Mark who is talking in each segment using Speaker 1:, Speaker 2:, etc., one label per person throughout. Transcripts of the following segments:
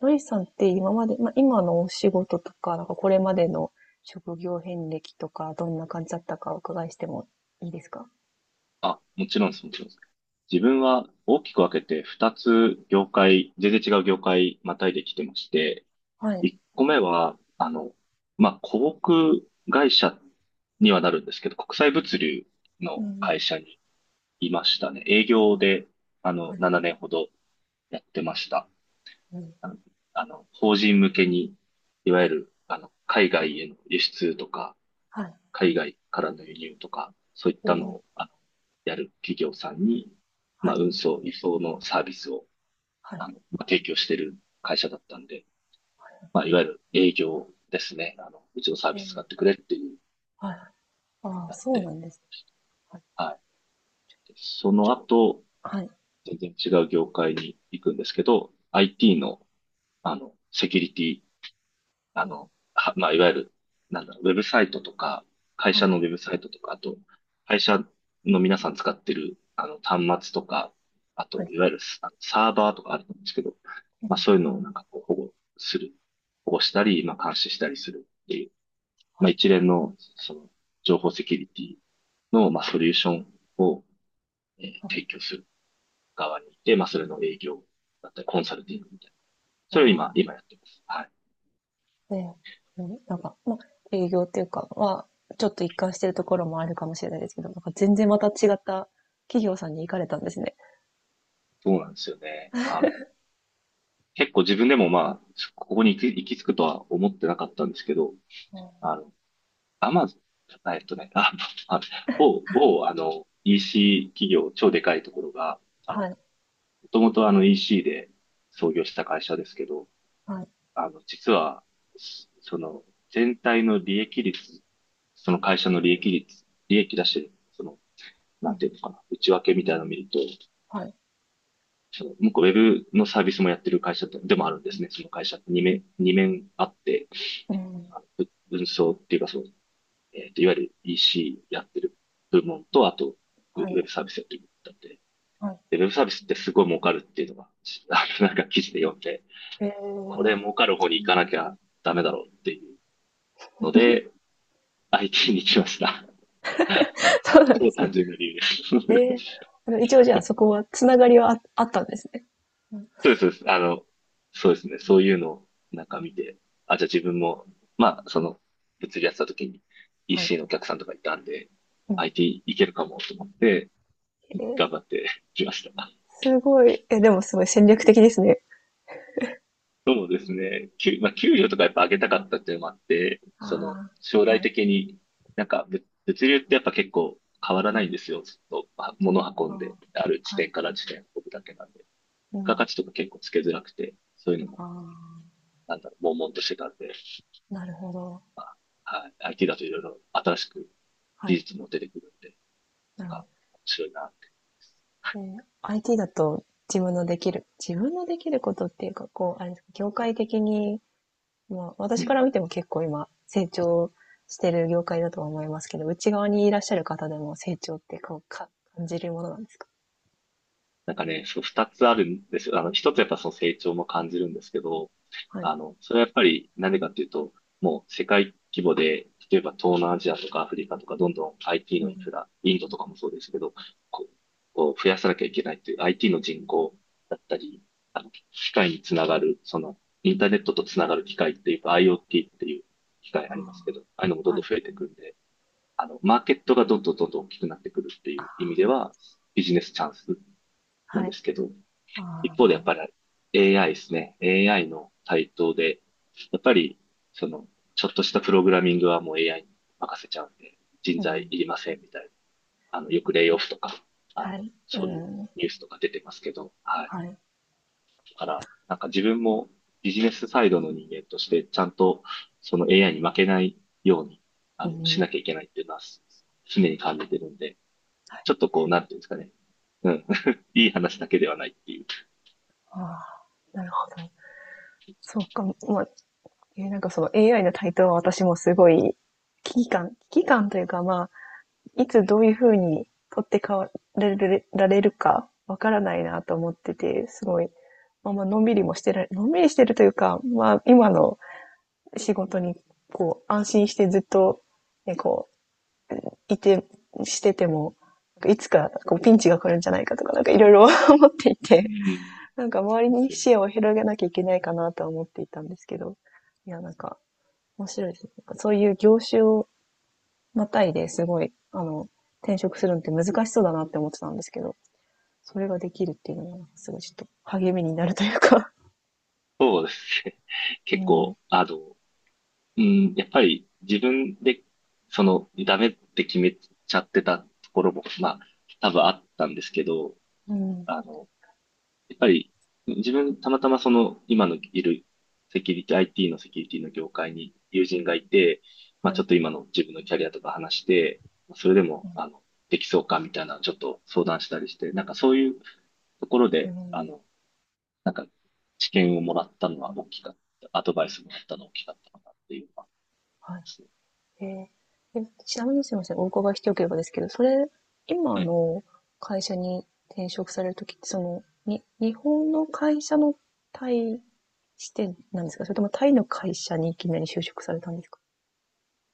Speaker 1: ロイさんって今まで、まあ、今のお仕事とか、なんかこれまでの職業遍歴とか、どんな感じだったかお伺いしてもいいですか？
Speaker 2: あ、もちろんです、もちろんです。自分は大きく分けて2つ業界、全然違う業界またいできてまして、
Speaker 1: はい。
Speaker 2: 1個目は、広告会社にはなるんですけど、国際物流
Speaker 1: う
Speaker 2: の
Speaker 1: ん、
Speaker 2: 会社にいましたね。営業で、
Speaker 1: はい、
Speaker 2: 7年ほどやってました。
Speaker 1: うん、
Speaker 2: あの、あの、法人向けに、いわ
Speaker 1: は
Speaker 2: ゆ
Speaker 1: い、
Speaker 2: る、海外への輸出とか、
Speaker 1: はい、
Speaker 2: 海外からの輸入とか、そういっ
Speaker 1: う
Speaker 2: たの
Speaker 1: ん、
Speaker 2: を、やる企業さんに、
Speaker 1: は
Speaker 2: まあ、
Speaker 1: い、
Speaker 2: 運送、輸送のサービスを、
Speaker 1: はい、
Speaker 2: まあ、提供してる会社だったんで、まあ、いわゆる営業ですね。あの、うちのサー
Speaker 1: え
Speaker 2: ビス使
Speaker 1: ー
Speaker 2: ってくれっていう、
Speaker 1: はい、ああ、
Speaker 2: なっ
Speaker 1: そうな
Speaker 2: て、
Speaker 1: んです。はい、
Speaker 2: はい。でそ
Speaker 1: ち
Speaker 2: の
Speaker 1: ょ、
Speaker 2: 後、
Speaker 1: はい、
Speaker 2: 全然違う業界に行くんですけど、IT の、セキュリティ
Speaker 1: うん、
Speaker 2: はまあ、いわゆる、なんだろう、ウェブサイトとか、会
Speaker 1: は
Speaker 2: 社
Speaker 1: い、
Speaker 2: のウェブサイトとか、あと、会社の皆さん使ってる、端末とか、あ
Speaker 1: は
Speaker 2: と、
Speaker 1: い、
Speaker 2: いわゆるスあのサーバーとかあると思うんですけど、
Speaker 1: う
Speaker 2: まあ、
Speaker 1: ん、
Speaker 2: そういうのをなんかこう保護する、保護したり、まあ、監視したりするっていう、
Speaker 1: は
Speaker 2: まあ、
Speaker 1: い、
Speaker 2: 一連の、その、情報セキュリティの、まあ、ソリューションを、
Speaker 1: あ、
Speaker 2: 提供する側にいて、まあ、そ
Speaker 1: う
Speaker 2: れ
Speaker 1: ん、
Speaker 2: の営業だったり、コンサルティングみたいな。それを
Speaker 1: あ
Speaker 2: 今やってます。はい。
Speaker 1: あ、えーうん、なんか、まあ、営業っていうかは、ちょっと一貫してるところもあるかもしれないですけど、なんか全然また違った企業さんに行かれたんですね。
Speaker 2: そうなんですよね。あの、結構自分でもまあ、ここに行き、行き着くとは思ってなかったんですけど、
Speaker 1: うん
Speaker 2: あの、アマゾン、えっとね、あ、あ、某、あの、EC 企業、超でかいところが、あの、も
Speaker 1: はい。
Speaker 2: ともとあの EC で創業した会社ですけど、
Speaker 1: はい。
Speaker 2: あの、実は、その、全体の利益率、利益出してる、その、
Speaker 1: う
Speaker 2: なんていう
Speaker 1: ん。
Speaker 2: のかな、内訳みたいなのを見ると、
Speaker 1: はい。
Speaker 2: その、向こうウェブのサービスもやってる会社でもあるんですね、その会社。二面あって、
Speaker 1: うん。
Speaker 2: あの文章っていうか、その、えっと、いわゆる EC やってる部門と、あと、ウ
Speaker 1: はい。
Speaker 2: ェブサービスやってる部門だって。
Speaker 1: はい。
Speaker 2: で、ウェブサービスってすごい儲かるっていうのが、あの、なんか記事で読んで、
Speaker 1: え
Speaker 2: これ
Speaker 1: え、
Speaker 2: 儲かる方に行かなきゃダメだろうっていうので、IT に来ました。
Speaker 1: そうなんで
Speaker 2: 超
Speaker 1: すね。
Speaker 2: 単純な理由で
Speaker 1: ええ、
Speaker 2: す。
Speaker 1: あの、一応じゃあそこはつながりはああったんですね。うん。
Speaker 2: そうです、そうです。あの、そうですね。そういうのをなんか見て、あ、じゃあ自分も、まあ、その、物理やってた時に
Speaker 1: はい。
Speaker 2: EC のお客さんとかいたんで、
Speaker 1: うん。
Speaker 2: IT いけるかもと思って、
Speaker 1: え
Speaker 2: 頑
Speaker 1: え、
Speaker 2: 張ってきました。
Speaker 1: すごい。え、でもすごい戦略的ですね。
Speaker 2: そうですね。まあ、給料とかやっぱ上げたかったっていうのもあって、
Speaker 1: あ
Speaker 2: その、
Speaker 1: あ、
Speaker 2: 将来
Speaker 1: はい。
Speaker 2: 的に、なんか物、物流ってやっぱ結構変わら
Speaker 1: うん。
Speaker 2: ないんですよ。ずっと、まあ、物
Speaker 1: あ
Speaker 2: 運んで、ある地
Speaker 1: あ、はい。
Speaker 2: 点から地点運ぶだけなんで。付
Speaker 1: う
Speaker 2: 加価
Speaker 1: ん。
Speaker 2: 値とか結構つけづらくて、そういうのも、
Speaker 1: あ
Speaker 2: なんだろう、悶々としてたんで、
Speaker 1: あ、なるほど。
Speaker 2: まあ、はい、IT だといろいろ新しく
Speaker 1: は
Speaker 2: 技
Speaker 1: い。
Speaker 2: 術も出てくるんで、
Speaker 1: なる
Speaker 2: ま
Speaker 1: ほ
Speaker 2: あ、
Speaker 1: ど。
Speaker 2: 面白いなって、
Speaker 1: え、 IT だと自分のできることっていうか、こう、あれですか、業
Speaker 2: は
Speaker 1: 界
Speaker 2: い。
Speaker 1: 的に、まあ、
Speaker 2: う
Speaker 1: 私か
Speaker 2: ん。
Speaker 1: ら見ても結構今、成長してる業界だとは思いますけど、内側にいらっしゃる方でも成長ってこうか感じるものなんですか？
Speaker 2: なんかね、そう、二つあるんですよ。あの、一つやっぱその成長も感じるんですけど、
Speaker 1: はい。
Speaker 2: あの、それはやっぱりなんでかっていうと、もう世界規模で、例えば東南アジアとかアフリカとかどんどん IT
Speaker 1: う
Speaker 2: のインフ
Speaker 1: ん。
Speaker 2: ラ、インドとかもそうですけど、こう、こう増やさなきゃいけないっていう IT の人口だったり、あの、機械につながる、その、インターネットとつながる機械っていうか IoT っていう機械ありますけど、ああいうのもどん
Speaker 1: は
Speaker 2: ど
Speaker 1: い。
Speaker 2: ん増えてくんで、あの、マーケットがどんどん大きくなってくるっていう意味では、ビジネスチャンスなん
Speaker 1: は
Speaker 2: で
Speaker 1: い。
Speaker 2: すけど、
Speaker 1: あ
Speaker 2: 一
Speaker 1: あ、
Speaker 2: 方で
Speaker 1: な
Speaker 2: やっ
Speaker 1: る
Speaker 2: ぱり AI ですね。AI の台頭で、やっぱり、その、ちょっとしたプログラミングはもう AI に任せちゃうんで、人
Speaker 1: ほど。う
Speaker 2: 材
Speaker 1: ん。
Speaker 2: いりませんみたいな。あの、よくレイオフとか、あの、
Speaker 1: はい。う
Speaker 2: そういう
Speaker 1: ん。
Speaker 2: ニュースとか出てますけど、はい。
Speaker 1: はい。
Speaker 2: だから、なんか自分もビジネスサイドの人間として、ちゃんとその AI に負けないように、
Speaker 1: う
Speaker 2: あ
Speaker 1: ん。
Speaker 2: の、
Speaker 1: ほ
Speaker 2: しな
Speaker 1: ど。
Speaker 2: きゃいけないっていうのは、常に感じてるんで、ちょっとこう、なんていうんですかね。うん。いい話だけではないっていう。
Speaker 1: ああ、なるほど。そうか、まあ、なんかその AI の台頭は私もすごい危機感というか、まあ、い
Speaker 2: う
Speaker 1: つ
Speaker 2: ん。
Speaker 1: どういう風に取って代わられられるかわからないなと思ってて、すごい、まあまあ、のんびりしてるというか、まあ今の仕事にこう安心してずっと、ね、こう、いて、してても、いつかこうピンチが来るんじゃないかとか、なんかいろいろ 思ってい
Speaker 2: う
Speaker 1: て、
Speaker 2: ん
Speaker 1: なんか周り
Speaker 2: で
Speaker 1: に
Speaker 2: すよ
Speaker 1: 視
Speaker 2: ね。
Speaker 1: 野を広げなきゃいけないかなとは思っていたんですけど、いや、なんか面白いですね。そういう業種をまたいですごい、あの、転職するのって難しそうだなって思ってたんですけど、それができるっていうのが、すごいちょっと励みになるというか、
Speaker 2: そうですね。
Speaker 1: う
Speaker 2: 結
Speaker 1: ん、
Speaker 2: 構、あの、うん、やっぱり自分で、その、ダメって決めちゃってたところも、まあ、多分あったんですけど、
Speaker 1: うん、
Speaker 2: あの、やっぱり、自分、たまたまその、今のいるセキュリティ、IT のセキュリティの業界に友人がいて、ま
Speaker 1: は
Speaker 2: あ、ちょ
Speaker 1: い、
Speaker 2: っと今の自分のキャリアとか話して、それで
Speaker 1: う
Speaker 2: も、
Speaker 1: ん、
Speaker 2: あの、できそうかみたいな、ちょっと相談したりして、なんかそういうところ
Speaker 1: うん
Speaker 2: で、
Speaker 1: はいう
Speaker 2: あ
Speaker 1: ん
Speaker 2: の、なんか、知見をもらったのは大きかった、アドバイスもらったのは大きかったかなっていうのはあり
Speaker 1: は
Speaker 2: ます
Speaker 1: い
Speaker 2: ね。
Speaker 1: えーちなみにすいません、お伺いしておければですけど、それ、今
Speaker 2: はい。
Speaker 1: の会社に転職されるときって、その、日本の会社のタイ視点なんですか？それともタイの会社にいきなり就職されたんですか？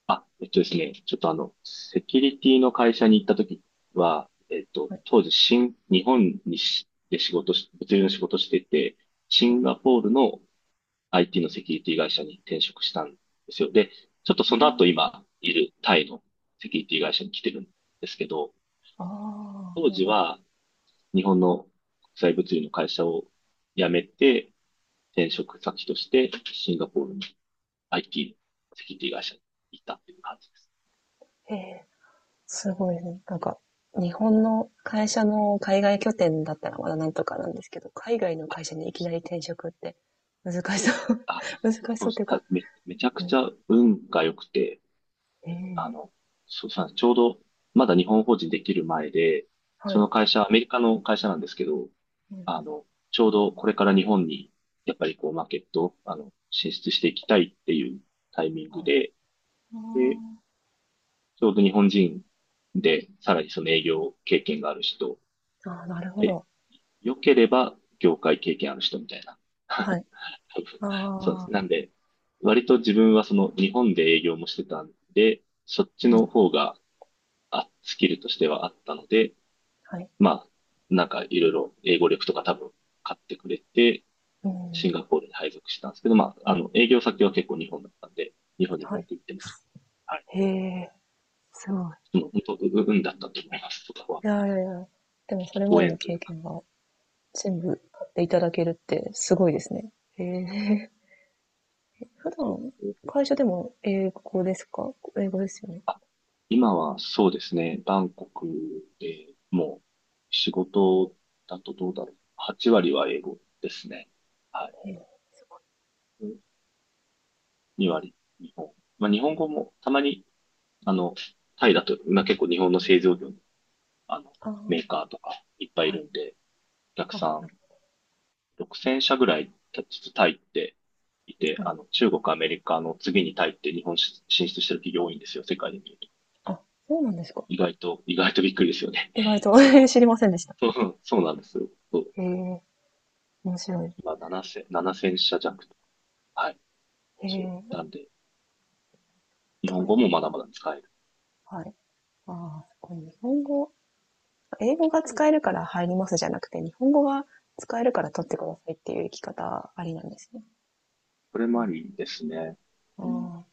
Speaker 2: あ、えっとですね、ちょっとあの、セキュリティの会社に行った時は、えっと、
Speaker 1: はい、
Speaker 2: 当時、日本にし、で仕事し、物流の仕事してて、シ
Speaker 1: はい。
Speaker 2: ンガポールの IT のセキュリティ会社に転職したんですよ。で、ちょっとその後今いるタイのセキュリティ会社に来てるんですけど、
Speaker 1: あ
Speaker 2: 当時
Speaker 1: あ
Speaker 2: は日本の国際物流の会社を辞めて、転職先としてシンガポールの IT のセキュリティ会社に行ったっていう感じです。
Speaker 1: ー、へえ。すごいね。なんか、日本の会社の海外拠点だったらまだなんとかなんですけど、海外の会社にいきなり転職って難しそう。
Speaker 2: あ、
Speaker 1: 難し
Speaker 2: そ
Speaker 1: そ
Speaker 2: う
Speaker 1: うって
Speaker 2: し
Speaker 1: いう
Speaker 2: た
Speaker 1: か、
Speaker 2: め、めちゃく
Speaker 1: う
Speaker 2: ち
Speaker 1: ん。
Speaker 2: ゃ運が良くて、
Speaker 1: え
Speaker 2: あ
Speaker 1: え、
Speaker 2: の、そうさ、ちょうどまだ日本法人できる前で、
Speaker 1: は
Speaker 2: そ
Speaker 1: い。
Speaker 2: の会社、アメリカの会社なんですけど、
Speaker 1: うん、
Speaker 2: あの、ちょうどこれから日本に、やっぱりこう、マーケット、あの、進出していきたいっていうタイミングで、
Speaker 1: あ
Speaker 2: で、ちょうど日本人で、さらにその営業経験がある人、
Speaker 1: あ。ああ、なるほ
Speaker 2: で
Speaker 1: ど。
Speaker 2: 良ければ業界経験ある人みたいな。
Speaker 1: はい。
Speaker 2: 多分
Speaker 1: あ
Speaker 2: そうです。
Speaker 1: あ、
Speaker 2: なんで、割と自分はその日本で営業もしてたんで、そっち
Speaker 1: う
Speaker 2: の
Speaker 1: ん、
Speaker 2: 方がスキルとしてはあったので、
Speaker 1: はい。
Speaker 2: まあ、なんかいろいろ英語力とか多分買ってくれて、
Speaker 1: う
Speaker 2: シン
Speaker 1: ん、
Speaker 2: ガポールに配属したんですけど、まあ、あの、営業先は結構日本だったんで、日本にも
Speaker 1: は
Speaker 2: よ
Speaker 1: い。
Speaker 2: く行ってました。はい。
Speaker 1: へえ、すごい。
Speaker 2: でもう本当、運だったと思います、そこは。
Speaker 1: いやいやいや。でもそれま
Speaker 2: ご
Speaker 1: での
Speaker 2: 縁とい
Speaker 1: 経
Speaker 2: うか。
Speaker 1: 験が全部買っていただけるってすごいですね。へえ。普段、会社でも英語ですか？英語ですよね。
Speaker 2: あ、今はそうですね、バンコクでもう仕事だとどうだろう。8割は英語ですね。はい。
Speaker 1: ええ、すご
Speaker 2: 2
Speaker 1: いね。
Speaker 2: 割日本。まあ日本語もたまに、あの、タイだと、まあ結構日本の製造業の、あの、
Speaker 1: あ
Speaker 2: メー
Speaker 1: あ、
Speaker 2: カーとかいっぱいい
Speaker 1: はい。
Speaker 2: るんで、お客さ
Speaker 1: あ、
Speaker 2: ん6000社ぐらい実はタイっていて、
Speaker 1: あれ
Speaker 2: あの、中国、アメリカの次にタイって日本進出してる企業多いんですよ、世界で見ると。
Speaker 1: あ、そうなんですか。
Speaker 2: 意外とびっくりですよね。
Speaker 1: 意外 と
Speaker 2: そう
Speaker 1: 知りませんでした。
Speaker 2: そうなんですよ。そう。
Speaker 1: へえ、面白い。
Speaker 2: 今、7000、ななせん社弱と。はい。
Speaker 1: へ
Speaker 2: そう。
Speaker 1: え、
Speaker 2: なんで、日本
Speaker 1: はい
Speaker 2: 語もまだまだ使える。
Speaker 1: はい。ああ、すごい。日本語、英語が使えるから入りますじゃなくて、日本語が使えるから取ってくださいっていう生き方ありなんですね。
Speaker 2: これ
Speaker 1: う
Speaker 2: もあ
Speaker 1: ん、
Speaker 2: りですね。
Speaker 1: あ
Speaker 2: うん。
Speaker 1: あ、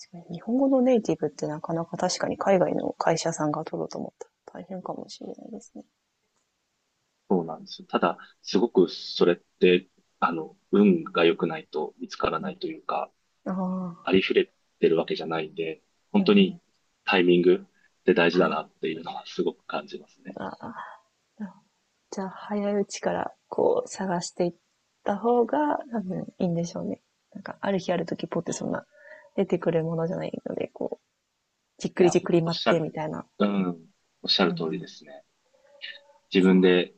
Speaker 1: 確かに。日本語のネイティブってなかなか確かに海外の会社さんが取ろうと思ったら大変かもしれないですね。
Speaker 2: そうなんですよ。ただ、すごくそれって、あの、運が良くないと見つから
Speaker 1: う
Speaker 2: な
Speaker 1: ん、
Speaker 2: いというか、
Speaker 1: あ
Speaker 2: ありふれてるわけじゃないんで、
Speaker 1: あ、
Speaker 2: 本
Speaker 1: う
Speaker 2: 当に
Speaker 1: ん、
Speaker 2: タイミングって大事
Speaker 1: は
Speaker 2: だ
Speaker 1: い。
Speaker 2: なっていうのはすごく感じますね。
Speaker 1: ああ、じゃあ、早いうちからこう探していった方が多分いいんでしょうね。なんか、ある日ある時ポって
Speaker 2: そ
Speaker 1: そんな出てくるものじゃないので、こう、じっ
Speaker 2: う
Speaker 1: く
Speaker 2: い
Speaker 1: り
Speaker 2: や、
Speaker 1: じっ
Speaker 2: ほん
Speaker 1: くり
Speaker 2: おっ
Speaker 1: 待っ
Speaker 2: しゃ
Speaker 1: てみ
Speaker 2: る、
Speaker 1: たいな。
Speaker 2: うん、おっしゃ
Speaker 1: う
Speaker 2: る通り
Speaker 1: ん、
Speaker 2: ですね。自
Speaker 1: そう。
Speaker 2: 分で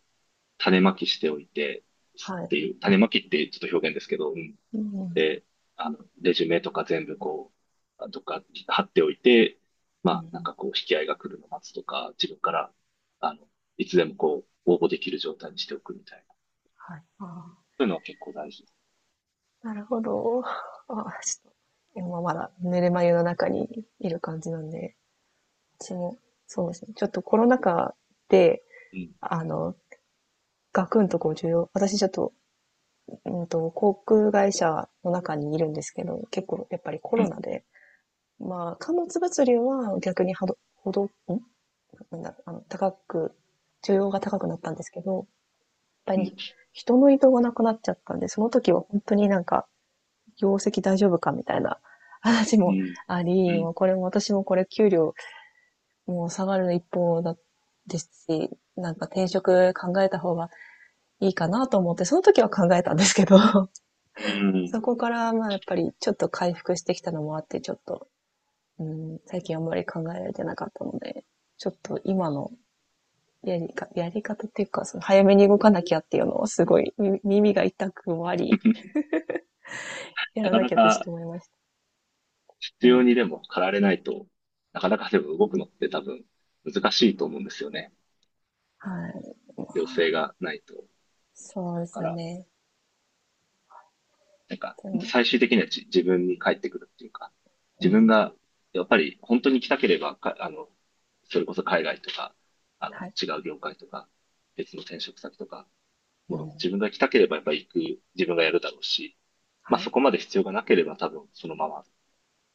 Speaker 2: 種まきしておいて、
Speaker 1: は
Speaker 2: っ
Speaker 1: い。
Speaker 2: ていう、種まきってちょっと表現ですけど、うん
Speaker 1: うん。
Speaker 2: で、あの、レジュメとか全部こう、とか貼っておいて、ま
Speaker 1: う
Speaker 2: あ、なん
Speaker 1: ん、
Speaker 2: かこう、引き合いが来るのを待つとか、自分から、あの、いつでもこう、応募できる状態にしておくみたいな。そ
Speaker 1: はい。あ
Speaker 2: ういうのは結構大事。
Speaker 1: ー、なるほど。あ、ちょっと、今まだ寝る眉の中にいる感じなんで、私も、そうですね。ちょっとコロナ禍で、
Speaker 2: うん、
Speaker 1: あの、ガクンとこう重要、私ちょっと航空会社の中にいるんですけど、結構やっぱりコ
Speaker 2: う
Speaker 1: ロ
Speaker 2: ん、
Speaker 1: ナで、まあ、貨物物流は逆にはど、ほど、んなんだろう、あの、高く、需要が高くなったんですけど、やっぱ
Speaker 2: うん、
Speaker 1: り人の移動がなくなっちゃったんで、その時は本当になんか、業績大丈夫かみたいな 話
Speaker 2: う
Speaker 1: も
Speaker 2: ん、
Speaker 1: あ
Speaker 2: う
Speaker 1: り、
Speaker 2: ん、
Speaker 1: もうこれも私もこれ給料もう下がる一方だですし、なんか転職考えた方がいいかなと思って、その時は考えたんですけど、
Speaker 2: う
Speaker 1: そ
Speaker 2: ん。
Speaker 1: こからまあやっぱりちょっと回復してきたのもあって、ちょっと、うん、最近あんまり考えられてなかったので、ちょっと今のやり方っていうか、その早めに動かなきゃっていうのはすごい耳が痛くもあり、や
Speaker 2: な
Speaker 1: ら
Speaker 2: か
Speaker 1: な
Speaker 2: な
Speaker 1: きゃってちょっと
Speaker 2: か
Speaker 1: 思いました。
Speaker 2: 必
Speaker 1: う
Speaker 2: 要
Speaker 1: ん。
Speaker 2: にでも駆られないと、なかなかでも動くのって多分難しいと思うんですよね。
Speaker 1: はい。
Speaker 2: 必要性がないと。だ
Speaker 1: そうで
Speaker 2: か
Speaker 1: す
Speaker 2: ら
Speaker 1: よね。
Speaker 2: なんか、
Speaker 1: で
Speaker 2: 本当
Speaker 1: も、
Speaker 2: 最終的には自分に返ってくるっていうか、
Speaker 1: う
Speaker 2: 自分
Speaker 1: ん。
Speaker 2: が、やっぱり本当に来たければ、か、あの、それこそ海外とか、あ
Speaker 1: は
Speaker 2: の、
Speaker 1: い。
Speaker 2: 違う業界とか、別の転職先とか、
Speaker 1: う
Speaker 2: もう
Speaker 1: ん。
Speaker 2: 自分が来たければやっぱり行く、自分がやるだろうし、まあ
Speaker 1: はい。
Speaker 2: そこまで必要がなければ多分そのままっ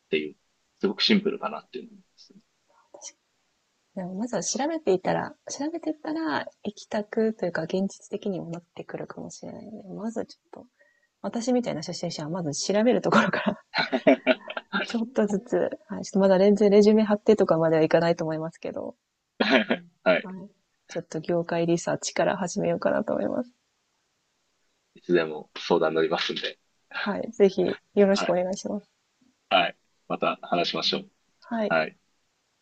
Speaker 2: ていう、すごくシンプルかなっていうのを思いますね。
Speaker 1: 確か、でもまずは調べていったら、行きたくというか現実的にもなってくるかもしれないので、まずちょっと、私みたいな初心者はまず調べるところからちょっとずつ、はい、ちょっとまだレジュメ貼ってとかまではいかないと思いますけど、
Speaker 2: は
Speaker 1: は
Speaker 2: い。
Speaker 1: い。ちょっと業界リサーチから始めようかなと思います。
Speaker 2: いつでも相談乗りますんで。
Speaker 1: はい。ぜひ、よろし
Speaker 2: は
Speaker 1: くお
Speaker 2: い。
Speaker 1: 願いします。
Speaker 2: はい。また話しましょう。
Speaker 1: はい。
Speaker 2: はい。